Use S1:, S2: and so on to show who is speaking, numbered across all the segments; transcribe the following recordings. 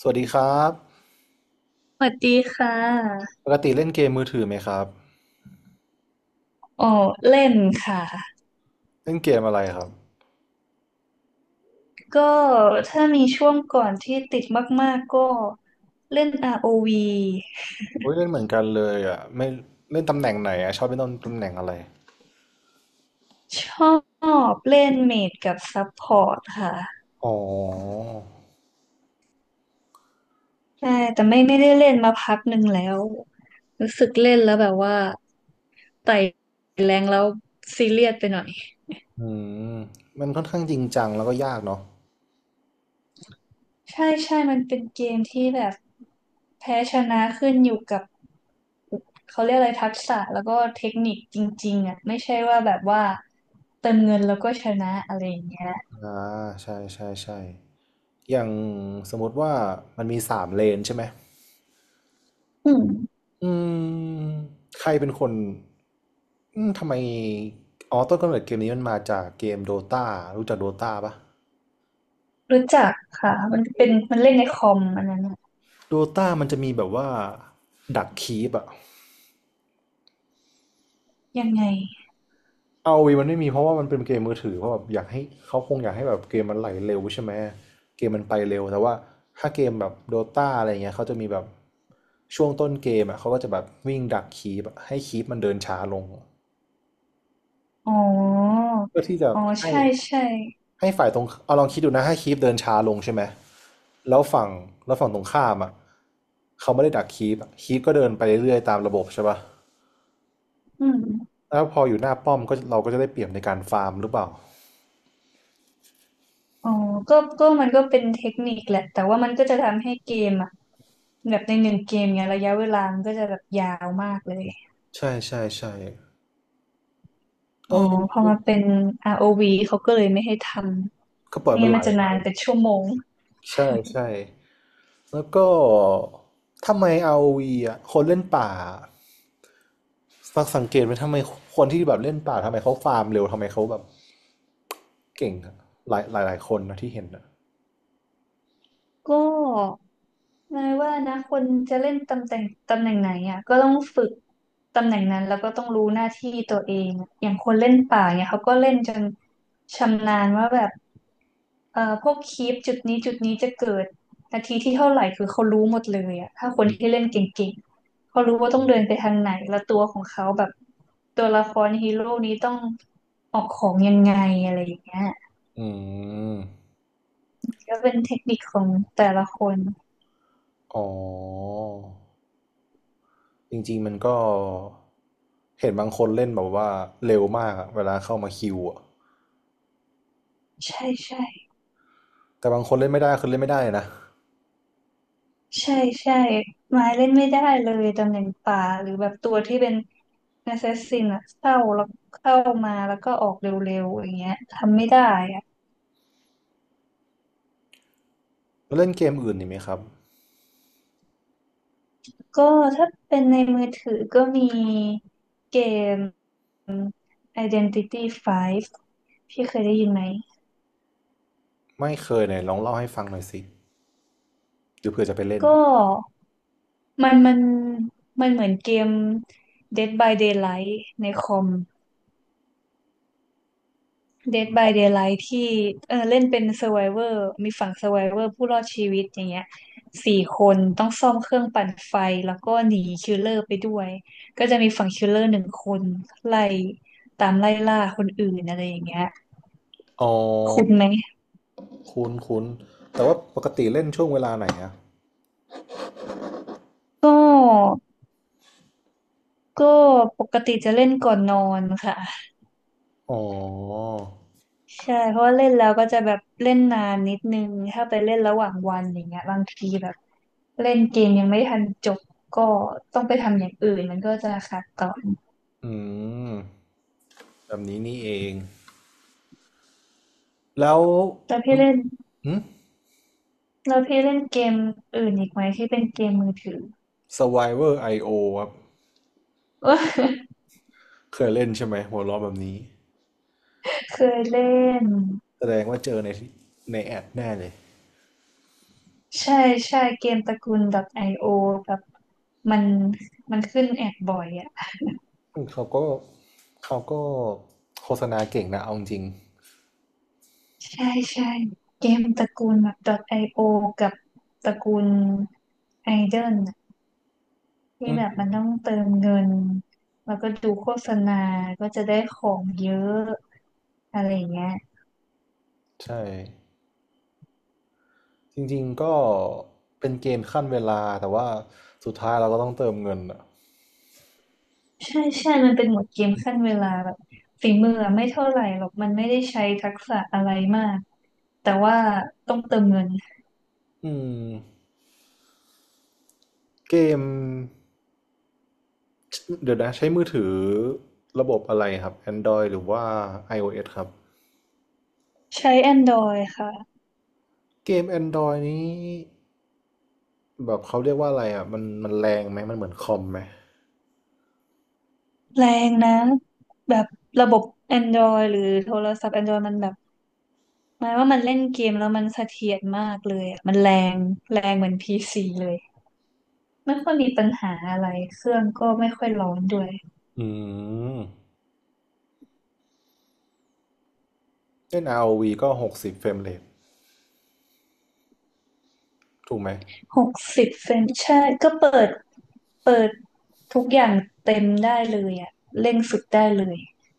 S1: สวัสดีครับ
S2: สวัสดีค่ะ
S1: ปกติเล่นเกมมือถือไหมครับ
S2: อ๋อเล่นค่ะ
S1: เล่นเกมอะไรครับ
S2: ก็ถ้ามีช่วงก่อนที่ติดมากๆก็เล่น ROV
S1: โอ้ยเล่นเหมือนกันเลยอ่ะไม่เล่นตำแหน่งไหนอ่ะชอบเล่นตำแหน่งอะไร
S2: ชอบเล่นเมจกับซัพพอร์ตค่ะ
S1: อ๋อ
S2: ใช่แต่ไม่ได้เล่นมาพักหนึ่งแล้วรู้สึกเล่นแล้วแบบว่าไต่แรงแล้วซีเรียสไปหน่อย
S1: อืมมันค่อนข้างจริงจังแล้วก็ยากเนาะ
S2: ใช่ใช่มันเป็นเกมที่แบบแพ้ชนะขึ้นอยู่กับ เขาเรียกอะไรทักษะแล้วก็เทคนิคจริงๆอ่ะไม่ใช่ว่าแบบว่าเติมเงินแล้วก็ชนะอะไรอย่างเงี้ย
S1: อ่าใช่ใช่ใช่อย่างสมมติว่ามันมีสามเลนใช่ไหม
S2: อืม
S1: อืมใครเป็นคนอืมทำไมอ๋อต้นกำเนิดเกมนี้มันมาจากเกมโดตารู้จักโดตาปะ
S2: รู้จักค่ะมันเล่นในคอมอันนั้นอะ
S1: โดตามันจะมีแบบว่าดักคีปอะ
S2: ยังไง
S1: เอาวีมันไม่มีเพราะว่ามันเป็นเกมมือถือเพราะแบบอยากให้เขาคงอยากให้แบบเกมมันไหลเร็วใช่ไหมเกมมันไปเร็วแต่ว่าถ้าเกมแบบโดตาอะไรเงี้ยเขาจะมีแบบช่วงต้นเกมอ่ะเขาก็จะแบบวิ่งดักคีบให้คีบมันเดินช้าลง
S2: อ๋อ
S1: เพื่อที่จะ
S2: อ๋อ
S1: ให้
S2: ใช่ใช่
S1: ให้ฝ่ายตรงเอาลองคิดดูนะให้คีบเดินช้าลงใช่ไหมแล้วฝั่งแล้วฝั่งตรงข้ามอ่ะเขาไม่ได้ดักคีบคีบก็เดินไปเรื่อยๆตามระบบใช่ปะ
S2: อืม
S1: แล้วพออยู่หน้าป้อมก็เราก็จะได้เปรียบในการฟาร์มหรือเปล่า
S2: อ๋อก็ก็มันก็เป็นเทคนิคแหละแต่ว่ามันก็จะทำให้เกมอ่ะแบบในหนึ่งเกมเนี้ยระยะเวลามันก็จะแบบยาวมากเลย
S1: ใช่ใช่ใช่
S2: อ๋อ
S1: เออ
S2: พอมาเป็น ROV เขาก็เลยไม่ให้ท
S1: ก็ป
S2: ำ
S1: ล่อย
S2: ไม่
S1: มัน
S2: งั้น
S1: ไหล
S2: มันจะ
S1: ไป
S2: นานเป็นชั่วโมง
S1: ใช่ใช่แล้วก็ ทำไม ROV อวีอ่ะคนเล่นป่าสังเกตไหมทำไมคนที่แบบเล่นป่าทำไมเขาฟาร์มเร็วทำไมเขาแบบเก่งอะหลายคนนะที่เห็นอะ
S2: ก็ เนายว่านะคนจะเล่นตำแหน่งไหนอ่ะก็ต้องฝึกตำแหน่งนั้นแล้วก็ต้องรู้หน้าที่ตัวเองอะอย่างคนเล่นป่าเนี่ยเขาก็เล่นจนชำนาญว่าแบบพวกคีปจุดนี้จะเกิดนาทีที่เท่าไหร่คือเขารู้หมดเลยอ่ะถ้าคนที่เล่นเก่งๆเขารู้ว่าต้องเดินไปทางไหนแล้วตัวของเขาแบบตัวละครฮีโร่นี้ต้องออกของยังไงอะไรอย่างเงี้ย
S1: อืม
S2: ก็เป็นเทคนิคของแต่ละคน
S1: อ๋อจริงๆมันก็เห็นบางคนเล่นแบบว่าเร็วมากอะเวลาเข้ามาคิวอะ
S2: ใช่ใช่
S1: แต่บางคนเล่นไม่ได้คือเล่นไม่ได้นะ
S2: ใช่ใช่ไม้เล่นไม่ได้เลยตำแหน่งป่าหรือแบบตัวที่เป็นแอสซซินอะเข้าแล้วเข้ามาแล้วก็ออกเร็วๆอย่างเงี้ยทำไม่ได้อะ
S1: แล้วเล่นเกมอื่นนี่ไหมครับ
S2: ก็ถ้าเป็นในมือถือก็มีเกม Identity 5พี่เคยได้ยินไหม
S1: ไม่เคยไหนลองเล่าให้ฟังหน่อยสิหรือเผื่อจะไปเล่น
S2: ก็มันมันมันเหมือนเกม Dead by Daylight ในคอม Dead by Daylight ที่เออเล่นเป็น Survivor มีฝั่ง Survivor ผู้รอดชีวิตอย่างเงี้ยสี่คนต้องซ่อมเครื่องปั่นไฟแล้วก็หนีคิลเลอร์ไปด้วยก็จะมีฝั่งคิลเลอร์หนึ่งคนไล่ตามไล่ล่าคนอื่นอะไรอย่างเงี้ย
S1: อ๋อ
S2: คุณไหม
S1: คุ้นคุ้นแต่ว่าปกติเล่นช่วงเวลาไหนอะ
S2: ก็ก็ปกติจะเล่นก่อนนอนค่ะ
S1: อ๋อ
S2: ใช่เพราะว่าเล่นแล้วก็จะแบบเล่นนานนิดนึงถ้าไปเล่นระหว่างวันอย่างเงี้ยบางทีแบบเล่นเกมยังไม่ทันจบก็ต้องไปทำอย่างอื่นมันก็จะขาดต่อ
S1: อืมแบบนี้นี่เองแล้ว
S2: แล้วพี่เล่น
S1: หึ
S2: แล้วพี่เล่นเกมอื่นอีกไหมที่เป็นเกมมือถือ
S1: Survivor IO ครับ เคยเล่นใช่ไหมหัวล้อแบบนี้
S2: เคยเล่น
S1: แสดงว่าเจอในแอดแน่เลย
S2: ใช่ใช่เกมตระกูล .io แบบมันมันขึ้นแอดบ่อยอ่ะ
S1: อืมเขาก็โฆษณาเก่งนะเอาจริง
S2: ใช่ใช่เกมตระกูลแบบ .io กับตระกูล Idol น่ะที่แบบมันต้องเติมเงินแล้วก็ดูโฆษณาก็จะได้ของเยอะอะไรอย่างเงี้ย
S1: ใช่จริงๆก็เป็นเกมขั้นเวลาแต่ว่าสุดท้ายเราก็ต้องเติมเงินอะ
S2: ใช่ใช่ มันเป็นหมวดเกมขั้นเวลาแบบฝีมืออะไม่เท่าไหร่หรอก มันไม่ได้ใช้ทักษะอะไรมากแต่ว่าต้องเติมเงิน
S1: อืมเกม เดี๋ยวนะใช้มือถือระบบอะไรครับ Android หรือว่า iOS ครับ
S2: ใช้ Android ค่ะ
S1: เกม Android นี้แบบเขาเรียกว่าอะไรอ่ะมันแรงไหมมันเหมือนคอมไหม
S2: แรงนะแบบระบบ Android หรือโทรศัพท์ Android มันแบบหมายว่ามันเล่นเกมแล้วมันเสถียรมากเลยอะมันแรงแรงเหมือน PC เลยไม่ค่อยมีปัญหาอะไรเครื่องก็ไม่ค่อยร้อนด้วย
S1: อืมเล่น ROV ก็60เฟรมเรทถูกไหม
S2: 60 เฟรมใช่ก็เปิด เปิดทุกอย่างเต็มได้เลยอ่ะเร่งสุดได้เลย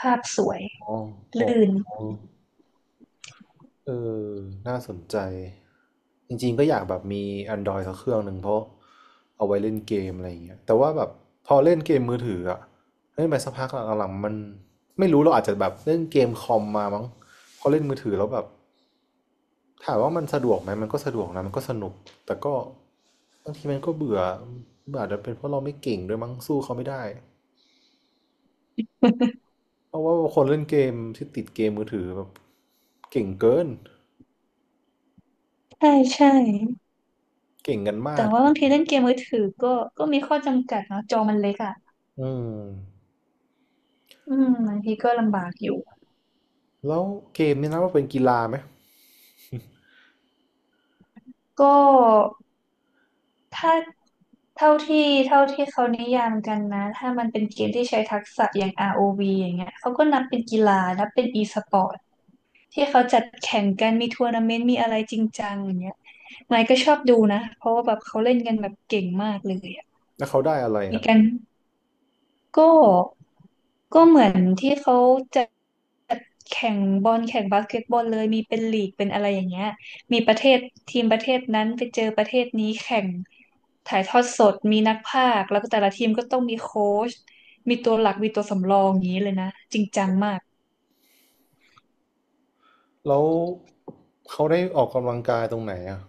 S2: ภาพสวย
S1: อ๋ออ๋
S2: ลื่น
S1: อ เออน่าสนใจจริงๆก็อยากแบบมี Android สักเครื่องหนึ่งเพราะเอาไว้เล่นเกมอะไรอย่างเงี้ยแต่ว่าแบบพอเล่นเกมมือถืออะเล่นไปสักพักหลังๆมันไม่รู้เราอาจจะแบบเล่นเกมคอมมามั้งพอเล่นมือถือแล้วแบบถามว่ามันสะดวกไหมมันก็สะดวกนะมันก็สนุกแต่ก็บางทีมันก็เบื่ออาจจะเป็นเพราะเราไม่เก่งด้วยมั้งสู้เขาไม่ได้ เพราะว่าคนเล่นเกมที่ติดเกมมือถือแบบเก่งเกิน
S2: ใช่ใช่
S1: เก่งกัน
S2: แต่
S1: มาก
S2: ว่าบางทีเล่นเกมมือถือก็มีข้อจำกัดเนาะจอมันเล็กอ่ะ
S1: อืม
S2: อืมบางทีก็ลำบากอยู่
S1: แล้วเกมนี่นะว่าเป็นกีฬาไหม
S2: ก็ถ้าเท่าที่เท่าที่เขานิยามกันนะถ้ามันเป็นเกมที่ใช้ทักษะอย่าง ROV อวีอย่างเงี้ยเขาก็นับเป็นกีฬานับเป็น e-sport ที่เขาจัดแข่งกันมีทัวร์นาเมนต์มีอะไรจริงจังอย่างเงี้ยไมค์ก็ชอบดูนะเพราะว่าแบบเขาเล่นกันแบบเก่งมากเลยอะ
S1: แล้วเขาได้อะไร
S2: มี
S1: อ่ะ
S2: กันก็ก็เหมือนที่เขาจัดแข่งบอลแข่งบาสเกตบอลเลยมีเป็นลีกเป็นอะไรอย่างเงี้ยมีประเทศทีมประเทศนั้นไปเจอประเทศนี้แข่งถ่ายทอดสดมีนักพากย์แล้วก็แต่ละทีมก็ต้องมีโค้ชมีตัวหลักมีตัวสำรองอย่างนี้เลยนะจริงจังมาก
S1: แล้วเขาได้ออกกำลังกายตรงไหนอ่ะ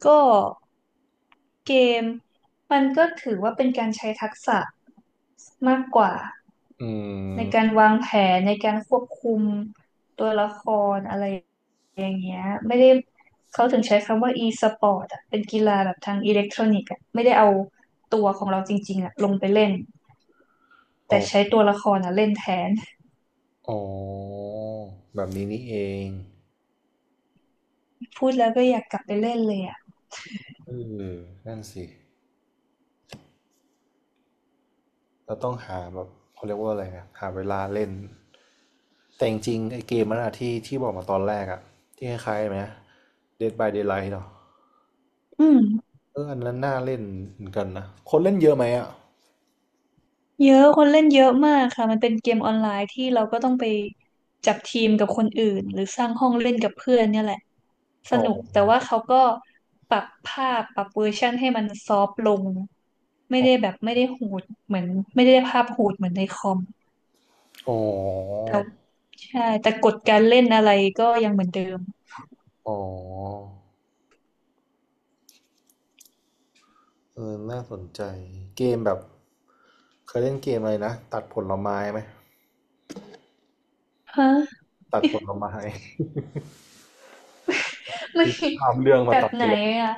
S2: ก็ เกมมันก็ถือว่าเป็นการใช้ทักษะมากกว่า
S1: อื
S2: ใน
S1: ม
S2: การวางแผนในการควบคุมตัวละครอะไรอย่างเงี้ยไม่ได้เขาถึงใช้คำว่า e-sport อ่ะเป็นกีฬาแบบทางอิเล็กทรอนิกส์อ่ะไม่ได้เอาตัวของเราจริงๆอ่ะลงไปเล่น
S1: อ
S2: แต่
S1: อก
S2: ใช้ตัวละครอ่ะเล่นแทน
S1: อ๋อแบบนี้นี่เอง
S2: พูดแล้วก็อยากกลับไปเล่นเลยอ่ะ
S1: เออนั่นสิเราต้องหาแบบเขาเรียกว่าอะไรนะหาเวลาเล่น แต่จริงๆไอเกมนันอะที่บอกมาตอนแรกอะที่คล้ายๆไหม Dead by Daylight เนาะ
S2: อืม
S1: เอออันนั้นน่าเล่นเหมือนกันนะ คนเล่นเยอะไหมอะ
S2: เยอะคนเล่นเยอะมากค่ะมันเป็นเกมออนไลน์ที่เราก็ต้องไปจับทีมกับคนอื่นหรือสร้างห้องเล่นกับเพื่อนเนี่ยแหละ ส
S1: อ๋อ
S2: นุกแต่ว่าเขาก็ปรับภาพปรับเวอร์ชันให้มันซอฟต์ลงไม่
S1: อ๋
S2: ได้แบบไม่ได้โหดเหมือนไม่ได้ภาพโหดเหมือนในคอม
S1: อ
S2: แต่ใช่แต่กฎการเล่นอะไรก็ยังเหมือนเดิม
S1: อ๋อ เออน่าสนใจ เกมแบบเคยเล่นเกมอะไรนะตัดผลไม้ไหม
S2: ฮะ
S1: ตัดผลไม้
S2: มัน
S1: ข้ามเรื่องมา
S2: แบบ
S1: ตัดผ
S2: ไหน
S1: ลไม้
S2: อ่ะ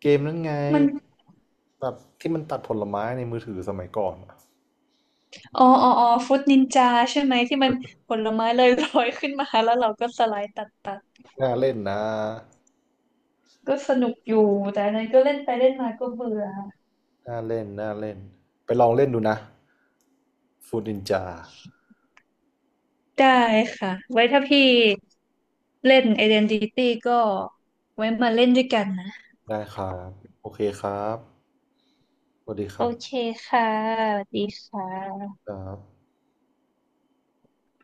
S1: เกมนั้นไง
S2: มัน
S1: แบบที่มันตัดผลไม้ในมือถือสมัยก่อนอะ
S2: อ๋อฟุตนินจาใช่ไหมที่มันผลไม้ลอยๆขึ้นมาแล้วเราก็สไลด์ตัดตัด
S1: น่าเล่นนะ
S2: ก็สนุกอยู่แต่อันนั้นก็เล่นไปเล่นมาก็เบื่อ
S1: น่าเล่นน่าเล่นไปลองเล่นดูนะฟูดนินจา
S2: ได้ค่ะไว้ถ้าพี่ เล่น Identity ก็ไว้มาเล่นด้วยกันนะ
S1: ได้ครับโอเคครับสวัสดีค
S2: โอ
S1: รับ
S2: เคค่ะสวัสดีค่ะ
S1: ครับ